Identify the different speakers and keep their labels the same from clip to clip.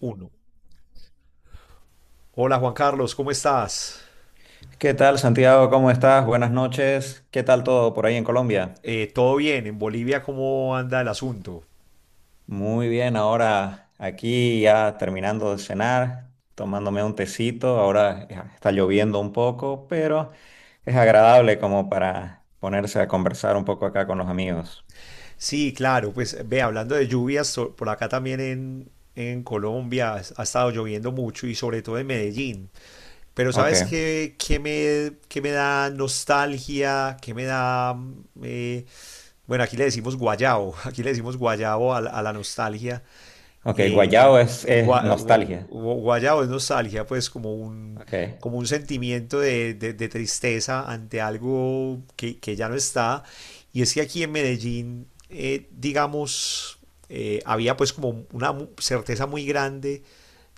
Speaker 1: Uno. Hola Juan Carlos, ¿cómo estás?
Speaker 2: ¿Qué tal, Santiago? ¿Cómo estás? Buenas noches. ¿Qué tal todo por ahí en Colombia?
Speaker 1: ¿Todo bien? ¿En Bolivia cómo anda el asunto?
Speaker 2: Muy bien, ahora aquí ya terminando de cenar, tomándome un tecito. Ahora ya está lloviendo un poco, pero es agradable como para ponerse a conversar un poco acá con los amigos.
Speaker 1: Sí, claro, pues ve, hablando de lluvias, por acá también en Colombia ha estado lloviendo mucho y sobre todo en Medellín. Pero
Speaker 2: Ok,
Speaker 1: ¿sabes qué me da nostalgia? ¿Qué me da... mm, bueno, aquí le decimos guayabo, aquí le decimos guayabo a la nostalgia.
Speaker 2: ok,
Speaker 1: eh,
Speaker 2: guayao es
Speaker 1: gua- gua-
Speaker 2: nostalgia.
Speaker 1: guayabo es nostalgia, pues como un,
Speaker 2: Ok.
Speaker 1: como un sentimiento de tristeza ante algo que ya no está. Y es que aquí en Medellín, digamos, había pues como una certeza muy grande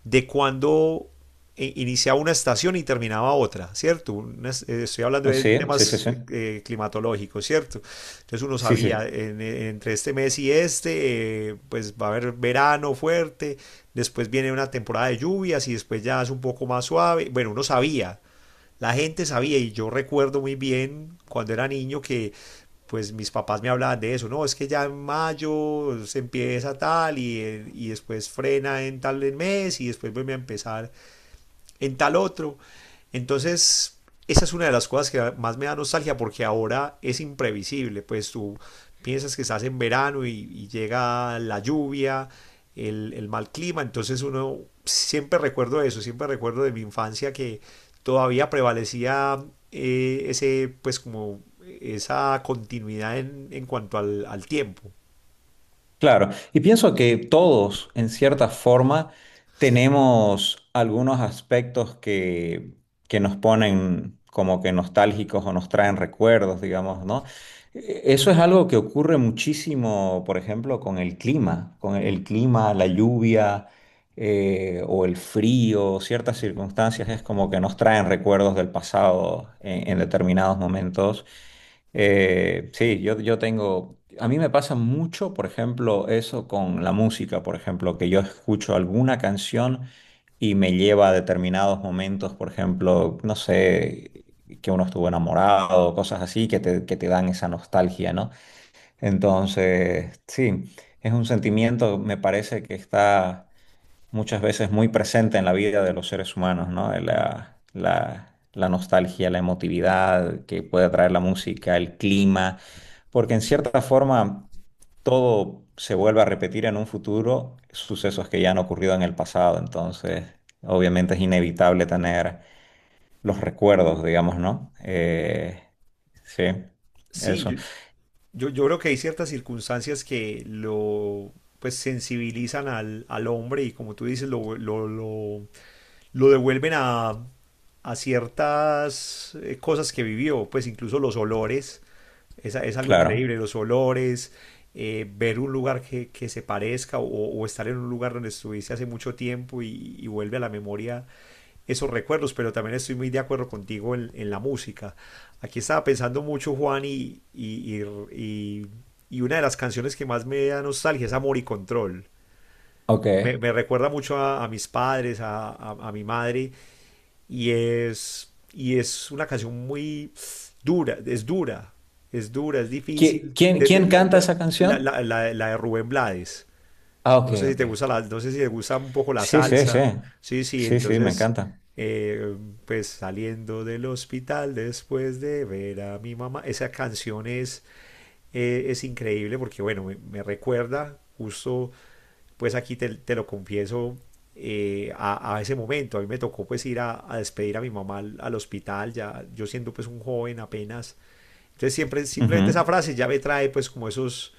Speaker 1: de cuando iniciaba una estación y terminaba otra, ¿cierto? Estoy hablando
Speaker 2: Oh,
Speaker 1: de
Speaker 2: sí, sí, sí,
Speaker 1: temas
Speaker 2: sí.
Speaker 1: climatológicos, ¿cierto? Entonces uno
Speaker 2: Sí,
Speaker 1: sabía,
Speaker 2: sí.
Speaker 1: entre este mes y este, pues va a haber verano fuerte, después viene una temporada de lluvias y después ya es un poco más suave. Bueno, uno sabía, la gente sabía y yo recuerdo muy bien cuando era niño que pues mis papás me hablaban de eso, no, es que ya en mayo se empieza tal y después frena en tal mes y después vuelve a empezar en tal otro. Entonces, esa es una de las cosas que más me da nostalgia porque ahora es imprevisible, pues tú piensas que estás en verano y llega la lluvia, el mal clima, entonces uno siempre recuerdo eso, siempre recuerdo de mi infancia que todavía prevalecía pues como esa continuidad en cuanto al tiempo.
Speaker 2: Claro, y pienso que todos, en cierta forma, tenemos algunos aspectos que nos ponen como que nostálgicos o nos traen recuerdos, digamos, ¿no? Eso es algo que ocurre muchísimo, por ejemplo, con el clima, la lluvia o el frío, ciertas circunstancias es como que nos traen recuerdos del pasado en determinados momentos. Sí, yo tengo, a mí me pasa mucho, por ejemplo, eso con la música, por ejemplo, que yo escucho alguna canción y me lleva a determinados momentos, por ejemplo, no sé, que uno estuvo enamorado, cosas así que te dan esa nostalgia, ¿no? Entonces, sí, es un sentimiento, me parece que está muchas veces muy presente en la vida de los seres humanos, ¿no? La nostalgia, la emotividad que puede traer la música, el clima, porque en cierta forma todo se vuelve a repetir en un futuro, sucesos que ya han ocurrido en el pasado, entonces obviamente es inevitable tener los recuerdos, digamos, ¿no? Sí,
Speaker 1: Sí,
Speaker 2: eso,
Speaker 1: yo creo que hay ciertas circunstancias que lo pues sensibilizan al hombre y como tú dices, lo devuelven a ciertas cosas que vivió, pues incluso los olores, es algo increíble,
Speaker 2: claro.
Speaker 1: los olores, ver un lugar que se parezca o estar en un lugar donde estuviste hace mucho tiempo y vuelve a la memoria esos recuerdos, pero también estoy muy de acuerdo contigo en la música. Aquí estaba pensando mucho, Juan, y, y una de las canciones que más me da nostalgia es Amor y Control.
Speaker 2: Ok.
Speaker 1: Me recuerda mucho a mis padres, a mi madre, y es una canción muy dura, es dura, es dura, es difícil.
Speaker 2: ¿Quién,
Speaker 1: De- de-
Speaker 2: quién canta esa canción?
Speaker 1: la, la- la- la- la de Rubén Blades.
Speaker 2: Ah, ok,
Speaker 1: No sé si
Speaker 2: ok.
Speaker 1: te gusta la, no sé si te gusta un poco la
Speaker 2: Sí, sí, sí.
Speaker 1: salsa. Sí, sí,
Speaker 2: Sí, sí, me
Speaker 1: entonces,
Speaker 2: encanta.
Speaker 1: eh, pues saliendo del hospital después de ver a mi mamá, esa canción es increíble porque, bueno, me recuerda justo, pues aquí te lo confieso, a ese momento. A mí me tocó pues ir a despedir a mi mamá al hospital, ya yo siendo pues un joven apenas. Entonces simplemente esa
Speaker 2: Ujú.
Speaker 1: frase ya me trae pues como esos,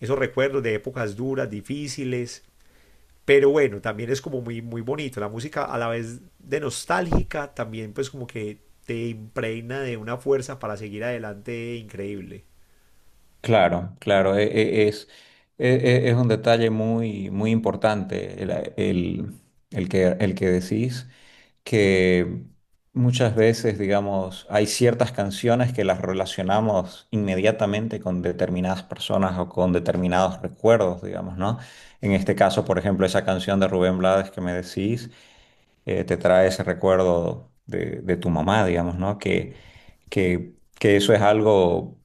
Speaker 1: esos recuerdos de épocas duras, difíciles. Pero bueno, también es como muy, muy bonito. La música a la vez de nostálgica, también pues como que te impregna de una fuerza para seguir adelante increíble.
Speaker 2: Claro, claro, e- es un detalle muy, muy importante el- el que decís, que muchas veces, digamos, hay ciertas canciones que las relacionamos inmediatamente con determinadas personas o con determinados recuerdos, digamos, ¿no? En este caso, por ejemplo, esa canción de Rubén Blades que me decís. Te trae ese recuerdo de tu mamá, digamos, ¿no? Que eso es algo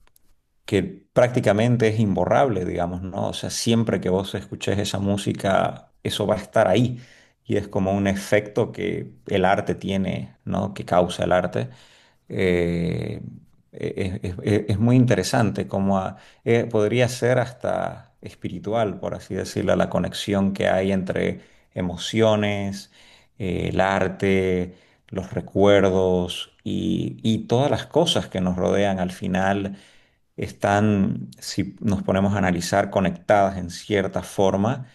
Speaker 2: que prácticamente es imborrable, digamos, ¿no? O sea, siempre que vos escuches esa música, eso va a estar ahí. Y es como un efecto que el arte tiene, ¿no? Que causa el arte. Eh, e-, es muy interesante, podría ser hasta espiritual, por así decirlo, la conexión que hay entre emociones, el arte, los recuerdos y todas las cosas que nos rodean al final están, si nos ponemos a analizar, conectadas en cierta forma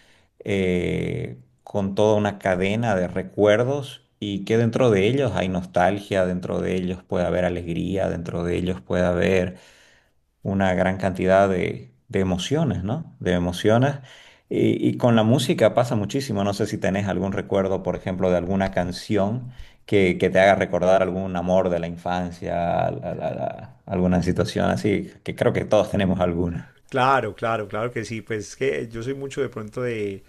Speaker 2: eh, con toda una cadena de recuerdos y que dentro de ellos hay nostalgia, dentro de ellos puede haber alegría, dentro de ellos puede haber una gran cantidad de emociones, ¿no? De emociones. Y con la música pasa muchísimo. No sé si tenés algún recuerdo, por ejemplo, de alguna canción que te haga recordar algún amor de la infancia, alguna situación así, que creo que todos tenemos alguna.
Speaker 1: Claro, claro, claro que sí. Pues que yo soy mucho de pronto de,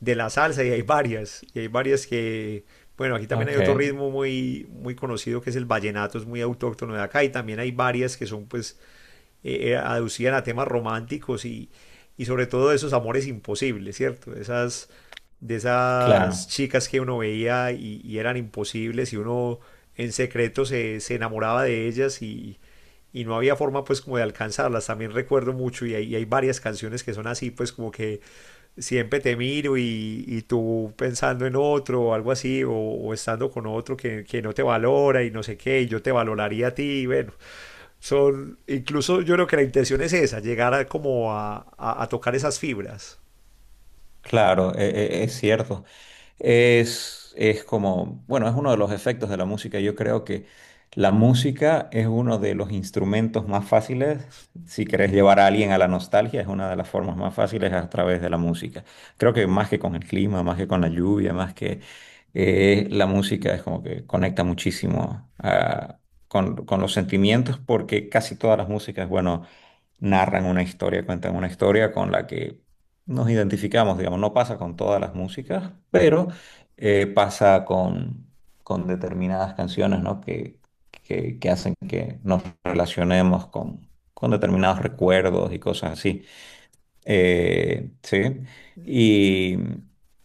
Speaker 1: de la salsa y hay varias. Y hay varias que, bueno, aquí también hay
Speaker 2: Ok,
Speaker 1: otro ritmo muy, muy conocido que es el vallenato, es muy autóctono de acá. Y también hay varias que son pues aducían a temas románticos y sobre todo de esos amores imposibles, ¿cierto? De esas
Speaker 2: claro.
Speaker 1: chicas que uno veía y eran imposibles y uno en secreto se enamoraba de ellas y no había forma pues como de alcanzarlas. También recuerdo mucho y y hay varias canciones que son así pues como que siempre te miro y tú pensando en otro o algo así o estando con otro que no te valora y no sé qué y yo te valoraría a ti. Bueno, incluso yo creo que la intención es esa, llegar a, como a tocar esas fibras.
Speaker 2: Claro, es cierto. Es como, bueno, es uno de los efectos de la música. Yo creo que la música es uno de los instrumentos más fáciles. Si querés llevar a alguien a la nostalgia, es una de las formas más fáciles a través de la música. Creo que más que con el clima, más que con la lluvia, más que la música es como que conecta muchísimo ah, con los sentimientos porque casi todas las músicas, bueno narran una historia, cuentan una historia con la que nos identificamos, digamos, no pasa con todas las músicas, pero pasa con determinadas canciones, ¿no? Que hacen que nos relacionemos con determinados recuerdos y cosas así. Sí. Y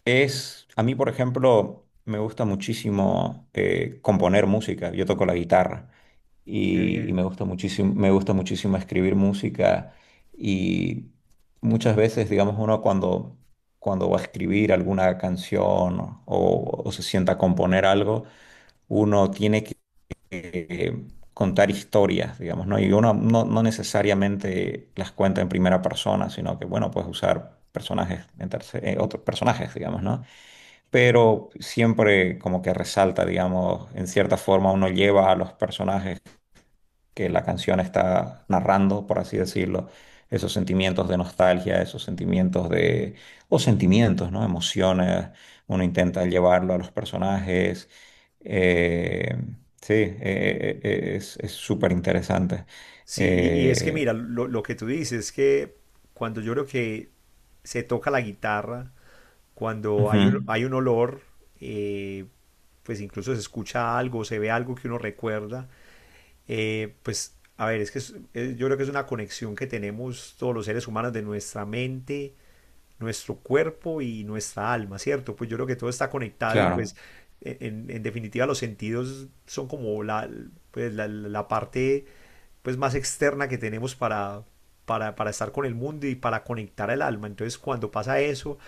Speaker 2: es, a mí, por ejemplo, me gusta muchísimo componer música. Yo toco la guitarra
Speaker 1: Qué
Speaker 2: y
Speaker 1: bien.
Speaker 2: me gusta muchísimo escribir música. Y muchas veces, digamos, uno cuando, cuando va a escribir alguna canción o se sienta a componer algo, uno eh, contar historias, digamos, ¿no? Y uno no, no necesariamente las cuenta en primera persona, sino que, bueno, puedes usar personajes, otros personajes, digamos, ¿no? Pero siempre como que resalta, digamos, en cierta forma uno lleva a los personajes que la canción está narrando, por así decirlo, esos sentimientos de nostalgia, esos sentimientos de, o sentimientos, ¿no? Emociones, uno intenta llevarlo a los personajes. eh, sí, es súper interesante.
Speaker 1: Sí, y es que
Speaker 2: Eh,
Speaker 1: mira, lo que tú dices es que cuando yo creo que se toca la guitarra, cuando
Speaker 2: Ujú,
Speaker 1: hay un olor, eh, pues incluso se escucha algo, se ve algo que uno recuerda, pues a ver, es que yo creo que es una conexión que tenemos todos los seres humanos de nuestra mente nuestro cuerpo y nuestra alma, ¿cierto? Pues yo creo que todo está conectado y pues
Speaker 2: claro,
Speaker 1: en definitiva los sentidos son como pues la parte pues más externa que tenemos para, para estar con el mundo y para conectar al alma. Entonces cuando pasa eso,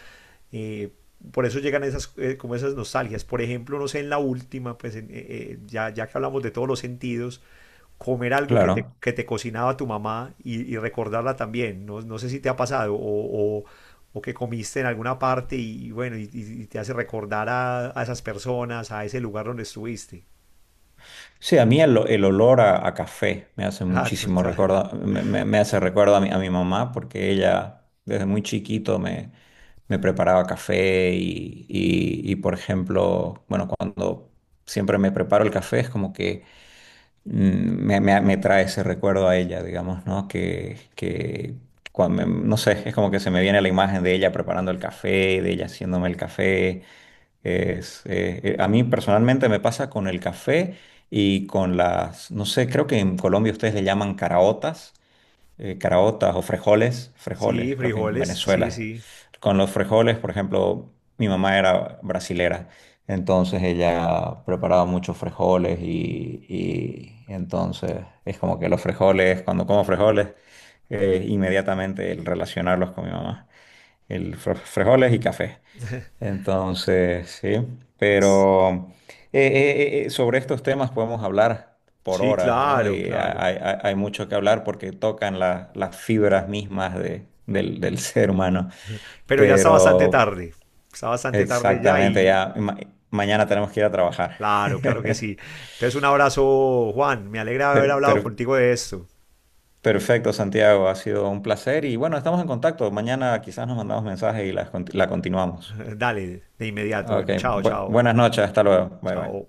Speaker 1: eh, por eso llegan como esas nostalgias. Por ejemplo, no sé, en la última, pues ya que hablamos de todos los sentidos, comer algo que te,
Speaker 2: claro.
Speaker 1: que te cocinaba tu mamá y recordarla también. No, no sé si te ha pasado o que comiste en alguna parte y bueno, y te hace recordar a esas personas, a ese lugar donde estuviste.
Speaker 2: Sí, a mí el olor a café me hace
Speaker 1: Ah,
Speaker 2: muchísimo
Speaker 1: total.
Speaker 2: recuerdo, me hace recuerdo a mi mamá porque ella desde muy chiquito me preparaba café y, por ejemplo, bueno, cuando siempre me preparo el café es como que mm, me trae ese recuerdo a ella, digamos, ¿no? Que cuando no sé, es como que se me viene la imagen de ella preparando el café, de ella haciéndome el café. A mí personalmente me pasa con el café y con las, no sé, creo que en Colombia ustedes le llaman caraotas caraotas o frijoles,
Speaker 1: Sí,
Speaker 2: frijoles, creo que en
Speaker 1: frijoles, sí,
Speaker 2: Venezuela.
Speaker 1: sí.
Speaker 2: Con los frijoles, por ejemplo, mi mamá era brasilera, entonces ella preparaba muchos frijoles y entonces es como que los frijoles, cuando como frijoles, inmediatamente el relacionarlos con mi mamá, el frijoles y café. Entonces, sí, pero sobre estos temas podemos hablar por
Speaker 1: Sí,
Speaker 2: horas, ¿no?
Speaker 1: claro,
Speaker 2: Y
Speaker 1: claro.
Speaker 2: hay, hay mucho que hablar porque tocan las fibras mismas del, del ser humano.
Speaker 1: Pero ya está bastante
Speaker 2: Pero
Speaker 1: tarde. Está bastante tarde ya
Speaker 2: exactamente,
Speaker 1: y
Speaker 2: mañana tenemos que ir a trabajar.
Speaker 1: claro, claro que sí. Entonces un abrazo, Juan. Me alegra haber
Speaker 2: Per-
Speaker 1: hablado
Speaker 2: per-
Speaker 1: contigo de esto.
Speaker 2: Perfecto, Santiago, ha sido un placer y bueno, estamos en contacto. Mañana quizás nos mandamos mensajes y las la continuamos.
Speaker 1: Dale, de inmediato.
Speaker 2: Ok,
Speaker 1: Bueno, chao, chao,
Speaker 2: buenas noches, hasta luego. Bye
Speaker 1: chao.
Speaker 2: bye.